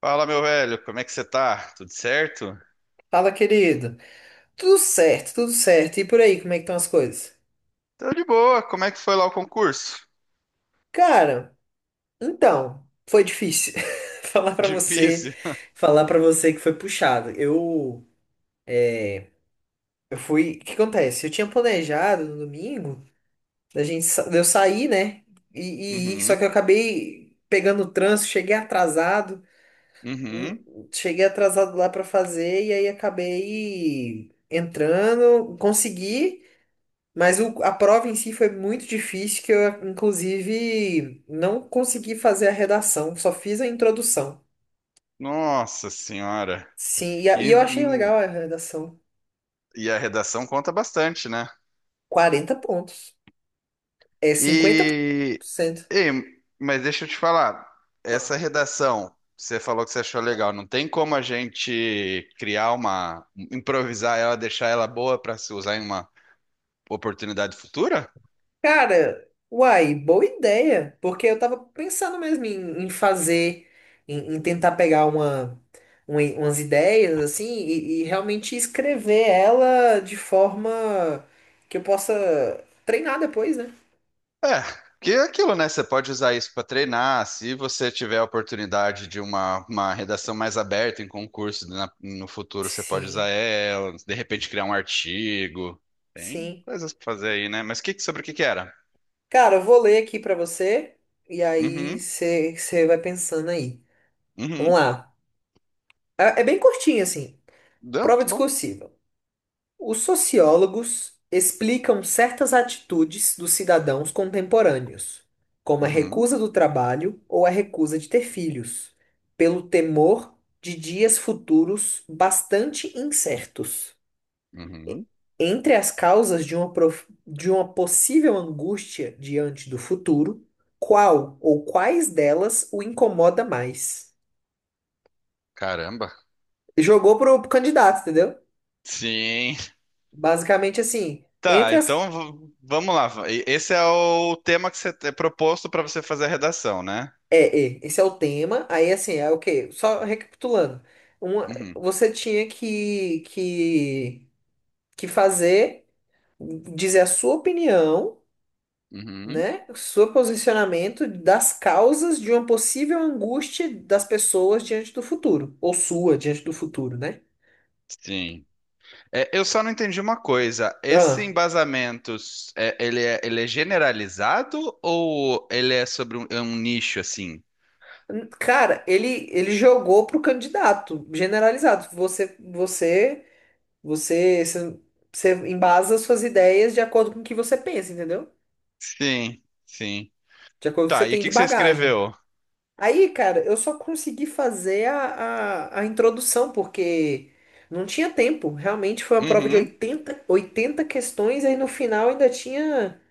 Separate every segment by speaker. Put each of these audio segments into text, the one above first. Speaker 1: Fala, meu velho, como é que você tá? Tudo certo?
Speaker 2: Fala, querido. Tudo certo, tudo certo. E por aí, como é que estão as coisas?
Speaker 1: Tô de boa, como é que foi lá o concurso?
Speaker 2: Cara, então, foi difícil falar pra você,
Speaker 1: Difícil.
Speaker 2: falar para você que foi puxado. Eu fui, o que acontece? Eu tinha planejado no domingo da gente de eu sair, né? E ir, só
Speaker 1: Uhum,
Speaker 2: que eu acabei pegando o trânsito, hum,
Speaker 1: uhum.
Speaker 2: cheguei atrasado lá pra fazer e aí acabei entrando, consegui. Mas a prova em si foi muito difícil, que eu, inclusive, não consegui fazer a redação, só fiz a introdução.
Speaker 1: Nossa senhora.
Speaker 2: Sim, e, e eu achei
Speaker 1: E,
Speaker 2: legal a redação.
Speaker 1: e a redação conta bastante, né?
Speaker 2: 40 pontos. É
Speaker 1: E,
Speaker 2: 50%.
Speaker 1: ei, mas deixa eu te falar,
Speaker 2: Ah.
Speaker 1: essa redação, você falou que você achou legal, não tem como a gente criar uma, improvisar ela, deixar ela boa pra se usar em uma oportunidade futura?
Speaker 2: Cara, uai, boa ideia. Porque eu tava pensando mesmo em fazer, em tentar pegar uma, umas ideias, assim, e realmente escrever ela de forma que eu possa treinar depois, né?
Speaker 1: É, que é aquilo, né? Você pode usar isso para treinar. Se você tiver a oportunidade de uma redação mais aberta em concurso na- no futuro, você pode usar
Speaker 2: Sim.
Speaker 1: ela. De repente criar um artigo. Tem
Speaker 2: Sim.
Speaker 1: coisas para fazer aí, né? Mas que- sobre o que que era?
Speaker 2: Cara, eu vou ler aqui pra você e aí
Speaker 1: Uhum,
Speaker 2: você vai pensando aí. Vamos
Speaker 1: uhum.
Speaker 2: lá. É bem curtinho assim.
Speaker 1: Deu,
Speaker 2: Prova
Speaker 1: tá bom.
Speaker 2: discursiva. Os sociólogos explicam certas atitudes dos cidadãos contemporâneos, como a
Speaker 1: Uhum,
Speaker 2: recusa do trabalho ou a recusa de ter filhos, pelo temor de dias futuros bastante incertos.
Speaker 1: uhum.
Speaker 2: Entre as causas de uma, de uma possível angústia diante do futuro, qual ou quais delas o incomoda mais?
Speaker 1: Caramba.
Speaker 2: Jogou pro candidato, entendeu?
Speaker 1: Sim.
Speaker 2: Basicamente assim,
Speaker 1: Tá,
Speaker 2: entre as.
Speaker 1: então v- vamos lá. E- Esse é o tema que você é proposto para você fazer a redação, né?
Speaker 2: É, é, esse é o tema. Aí assim, é o quê? Só recapitulando. Uma,
Speaker 1: Uhum,
Speaker 2: você tinha que fazer, dizer a sua opinião.
Speaker 1: uhum.
Speaker 2: Né? O seu posicionamento das causas de uma possível angústia das pessoas diante do futuro, ou sua diante do futuro, né?
Speaker 1: Sim. É, eu só não entendi uma coisa. Esse
Speaker 2: Ah.
Speaker 1: embasamento, ele é generalizado ou ele é sobre um, é um nicho assim?
Speaker 2: Cara, ele jogou pro candidato, generalizado. Você você você embasa suas ideias de acordo com o que você pensa, entendeu?
Speaker 1: Sim, sim.
Speaker 2: De acordo com o que você
Speaker 1: Tá, e o
Speaker 2: tem
Speaker 1: que
Speaker 2: de
Speaker 1: que você
Speaker 2: bagagem.
Speaker 1: escreveu?
Speaker 2: Aí, cara, eu só consegui fazer a introdução, porque não tinha tempo. Realmente foi uma prova de
Speaker 1: Uhum.
Speaker 2: 80 80 questões, aí no final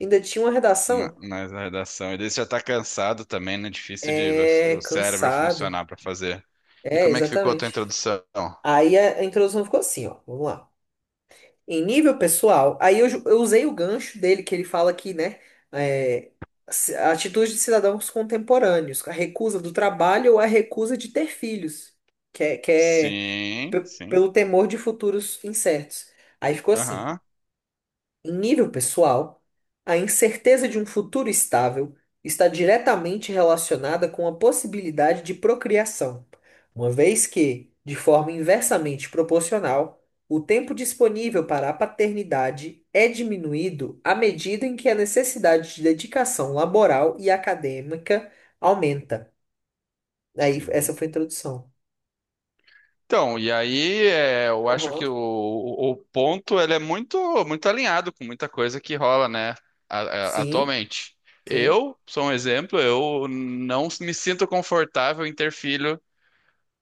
Speaker 2: ainda tinha uma
Speaker 1: Na,
Speaker 2: redação.
Speaker 1: na redação. Ele já tá cansado também, né? Difícil de você-
Speaker 2: É,
Speaker 1: o cérebro
Speaker 2: cansado.
Speaker 1: funcionar pra fazer. E
Speaker 2: É,
Speaker 1: como é que ficou a tua
Speaker 2: exatamente.
Speaker 1: introdução?
Speaker 2: Aí a introdução ficou assim, ó. Vamos lá. Em nível pessoal, eu usei o gancho dele, que ele fala que, né, é, a atitude de cidadãos contemporâneos, a recusa do trabalho ou a recusa de ter filhos. Que é, que é pe-
Speaker 1: Sim, sim.
Speaker 2: pelo temor de futuros incertos. Aí ficou assim:
Speaker 1: Aham.
Speaker 2: em nível pessoal, a incerteza de um futuro estável está diretamente relacionada com a possibilidade de procriação, uma vez que, de forma inversamente proporcional, o tempo disponível para a paternidade é diminuído à medida em que a necessidade de dedicação laboral e acadêmica aumenta. Aí, essa
Speaker 1: Sim.
Speaker 2: foi a introdução.
Speaker 1: Então, e aí é, eu acho
Speaker 2: Aham.
Speaker 1: que o ponto ele é muito muito alinhado com muita coisa que rola, né, a-
Speaker 2: Sim,
Speaker 1: atualmente.
Speaker 2: sim,
Speaker 1: Eu sou um exemplo, eu não me sinto confortável em ter filho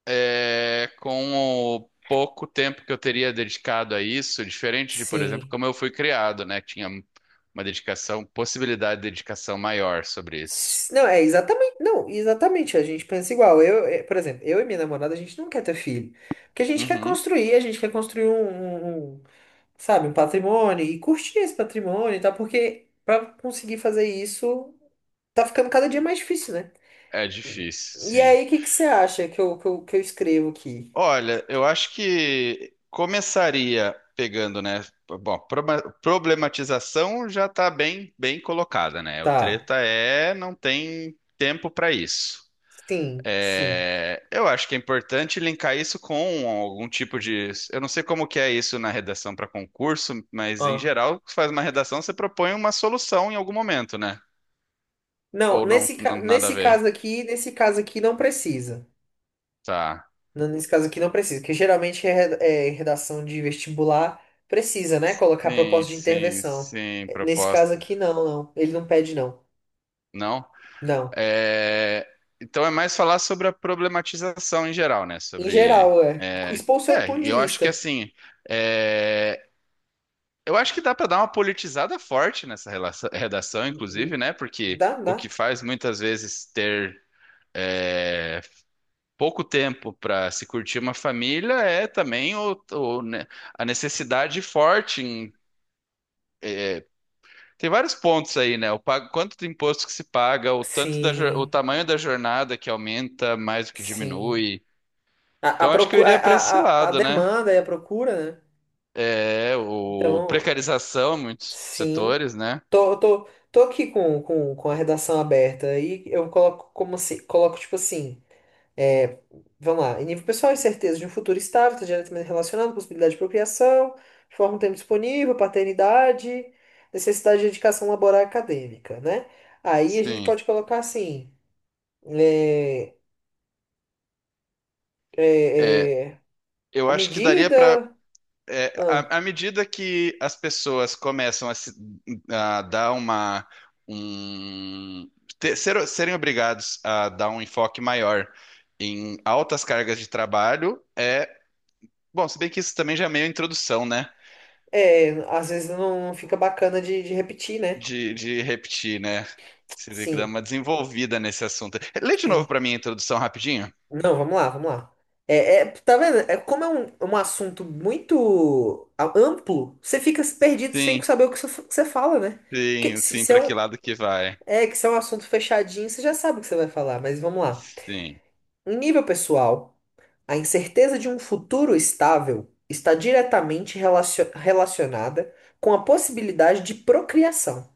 Speaker 1: é, com o pouco tempo que eu teria dedicado a isso, diferente de, por exemplo,
Speaker 2: sim.
Speaker 1: como eu fui criado, né, que tinha uma dedicação, possibilidade de dedicação maior sobre isso.
Speaker 2: Não, é exatamente, não, exatamente, a gente pensa igual. Eu, por exemplo, eu e minha namorada, a gente não quer ter filho, porque a gente quer
Speaker 1: Uhum.
Speaker 2: construir, a gente quer construir um, um, sabe, um patrimônio e curtir esse patrimônio e tal, porque pra conseguir fazer isso tá ficando cada dia mais difícil, né?
Speaker 1: É difícil,
Speaker 2: E
Speaker 1: sim.
Speaker 2: aí, o que que você acha que eu escrevo aqui?
Speaker 1: Olha, eu acho que começaria pegando, né? Bom, proba- problematização já está bem, bem colocada, né? O
Speaker 2: Tá.
Speaker 1: treta é não tem tempo para isso.
Speaker 2: Sim, sim.
Speaker 1: É, eu acho que é importante linkar isso com algum tipo de. Eu não sei como que é isso na redação para concurso, mas em
Speaker 2: Ah.
Speaker 1: geral, você faz uma redação, você propõe uma solução em algum momento, né?
Speaker 2: Não,
Speaker 1: Ou não, não- nada a ver.
Speaker 2: nesse caso aqui não precisa.
Speaker 1: Tá.
Speaker 2: Não, nesse caso aqui não precisa, porque geralmente é é redação de vestibular precisa, né? Colocar
Speaker 1: Sim,
Speaker 2: proposta de
Speaker 1: sim,
Speaker 2: intervenção.
Speaker 1: sim,
Speaker 2: É, nesse caso
Speaker 1: proposta.
Speaker 2: aqui, não, não. Ele não pede, não.
Speaker 1: Não?
Speaker 2: Não.
Speaker 1: É, então é mais falar sobre a problematização em geral, né?
Speaker 2: Em
Speaker 1: Sobre.
Speaker 2: geral, é. Expor o seu ponto
Speaker 1: E
Speaker 2: de
Speaker 1: eu acho que
Speaker 2: vista.
Speaker 1: assim. É, eu acho que dá para dar uma politizada forte nessa relação- redação, inclusive, né? Porque
Speaker 2: Dá,
Speaker 1: o que
Speaker 2: dá.
Speaker 1: faz muitas vezes ter é, pouco tempo para se curtir uma família é também o, né, a necessidade forte em. Tem vários pontos aí, né? O pago, quanto de imposto que se paga, o tanto da, jor- o
Speaker 2: Sim,
Speaker 1: tamanho da jornada que aumenta mais do que
Speaker 2: sim.
Speaker 1: diminui.
Speaker 2: A, a,
Speaker 1: Então acho que eu
Speaker 2: procu- a,
Speaker 1: iria
Speaker 2: a,
Speaker 1: para esse
Speaker 2: a
Speaker 1: lado, né?
Speaker 2: demanda e a procura, né?
Speaker 1: É, o
Speaker 2: Então,
Speaker 1: precarização em muitos
Speaker 2: sim.
Speaker 1: setores, né?
Speaker 2: Tô aqui com, com a redação aberta. Aí eu coloco como assim, coloco tipo assim. É, vamos lá. Em nível pessoal, incerteza de um futuro estável está diretamente relacionado à possibilidade de procriação, forma um tempo disponível, paternidade, necessidade de dedicação laboral e acadêmica, né? Aí a gente
Speaker 1: Sim.
Speaker 2: pode colocar assim, é,
Speaker 1: É,
Speaker 2: é, é,
Speaker 1: eu
Speaker 2: a
Speaker 1: acho que daria para
Speaker 2: medida, ah,
Speaker 1: à, à medida que as pessoas começam a, se- a dar uma um ter- ser- serem obrigados a dar um enfoque maior em altas cargas de trabalho, é bom, se bem que isso também já é meio introdução, né?
Speaker 2: às vezes não, não fica bacana de repetir, né?
Speaker 1: De repetir, né? Seria que dar
Speaker 2: Sim,
Speaker 1: uma desenvolvida nesse assunto. Lê de novo
Speaker 2: sim.
Speaker 1: para mim a introdução rapidinho.
Speaker 2: Não, vamos lá, vamos lá. É, é, tá vendo? É, como é um, um assunto muito amplo, você fica perdido sem
Speaker 1: Sim,
Speaker 2: saber o que você fala, né? Porque
Speaker 1: sim, sim,
Speaker 2: se é
Speaker 1: para
Speaker 2: um,
Speaker 1: que lado que vai?
Speaker 2: é, que se é um assunto fechadinho, você já sabe o que você vai falar, mas vamos lá.
Speaker 1: Sim,
Speaker 2: Em nível pessoal, a incerteza de um futuro estável está diretamente relacionada com a possibilidade de procriação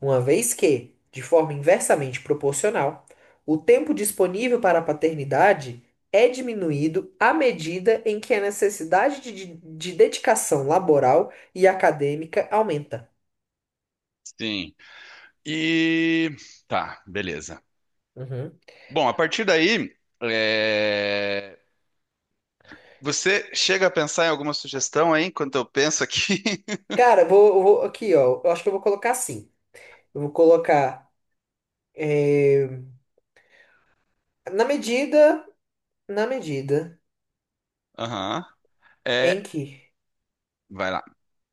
Speaker 2: uma vez que, de forma inversamente proporcional, o tempo disponível para a paternidade é diminuído à medida em que a necessidade dedicação laboral e acadêmica aumenta.
Speaker 1: sim. E tá, beleza.
Speaker 2: Uhum.
Speaker 1: Bom, a partir daí, é, você chega a pensar em alguma sugestão aí enquanto eu penso aqui?
Speaker 2: Cara, aqui, ó. Eu acho que eu vou colocar assim. Eu vou colocar eh, na medida, na medida
Speaker 1: Aham. É,
Speaker 2: em que,
Speaker 1: vai lá.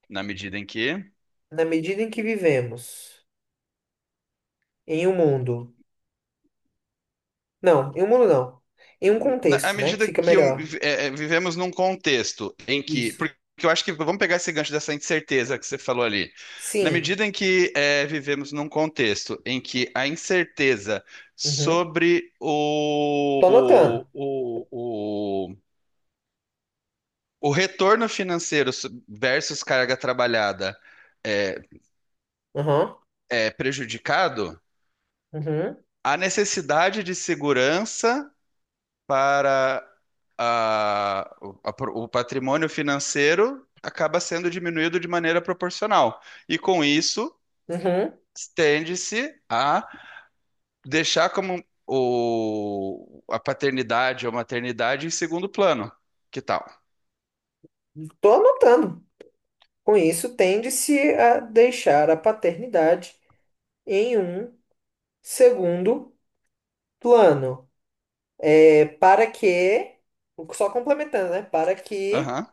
Speaker 1: Na medida em que.
Speaker 2: na medida em que vivemos em um mundo, não, em um mundo não, em um
Speaker 1: Na- à
Speaker 2: contexto, né?
Speaker 1: medida
Speaker 2: Fica
Speaker 1: que eu-
Speaker 2: melhor.
Speaker 1: é, é, vivemos num contexto em que,
Speaker 2: Isso.
Speaker 1: porque eu acho que vamos pegar esse gancho dessa incerteza que você falou ali. Na
Speaker 2: Sim.
Speaker 1: medida em que é, vivemos num contexto em que a incerteza
Speaker 2: Uhum.
Speaker 1: sobre
Speaker 2: Tô anotando.
Speaker 1: o, o retorno financeiro so, versus carga trabalhada é,
Speaker 2: Aham.
Speaker 1: é prejudicado,
Speaker 2: Uhum.
Speaker 1: a necessidade de segurança para a o patrimônio financeiro acaba sendo diminuído de maneira proporcional. E com isso,
Speaker 2: Uhum.
Speaker 1: tende-se a deixar como o, a paternidade ou maternidade em segundo plano. Que tal?
Speaker 2: Tô anotando. Com isso, tende-se a deixar a paternidade em um segundo plano. É para que, só complementando, né?
Speaker 1: Aham.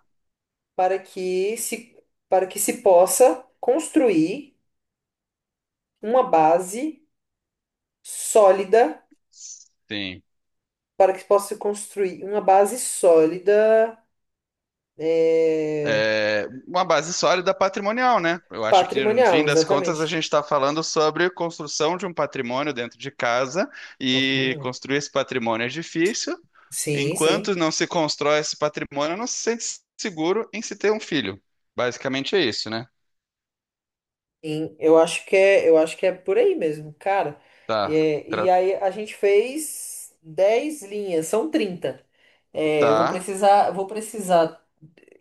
Speaker 2: para que se, para que se possa construir uma base sólida,
Speaker 1: Sim.
Speaker 2: para que se possa construir uma base sólida, é,
Speaker 1: É, uma base sólida patrimonial, né? Eu acho que, no fim
Speaker 2: patrimonial,
Speaker 1: das contas, a gente
Speaker 2: exatamente.
Speaker 1: está falando sobre construção de um patrimônio dentro de casa e
Speaker 2: Patrimonial.
Speaker 1: construir esse patrimônio é difícil.
Speaker 2: Sim,
Speaker 1: Enquanto
Speaker 2: sim.
Speaker 1: não se constrói esse patrimônio, não se sente seguro em se ter um filho. Basicamente é isso, né?
Speaker 2: Sim, eu acho que é, eu acho que é por aí mesmo, cara.
Speaker 1: Tá,
Speaker 2: É, e,
Speaker 1: tra-
Speaker 2: aí a gente fez 10 linhas, são 30. É,
Speaker 1: tá.
Speaker 2: vou precisar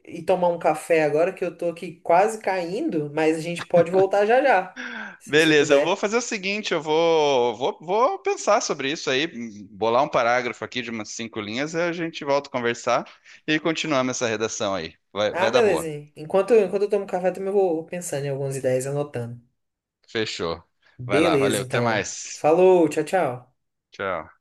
Speaker 2: ir tomar um café agora que eu tô aqui quase caindo, mas a gente pode voltar já já, se você
Speaker 1: Beleza, eu vou
Speaker 2: puder.
Speaker 1: fazer o seguinte, eu vou pensar sobre isso aí, bolar um parágrafo aqui de umas cinco linhas, e a gente volta a conversar e continuamos essa redação aí. Vai,
Speaker 2: Ah,
Speaker 1: vai dar
Speaker 2: beleza.
Speaker 1: boa.
Speaker 2: Enquanto eu tomo café, também vou pensando em algumas ideias, anotando.
Speaker 1: Fechou. Vai lá,
Speaker 2: Beleza,
Speaker 1: valeu, até
Speaker 2: então.
Speaker 1: mais.
Speaker 2: Falou, tchau, tchau.
Speaker 1: Tchau.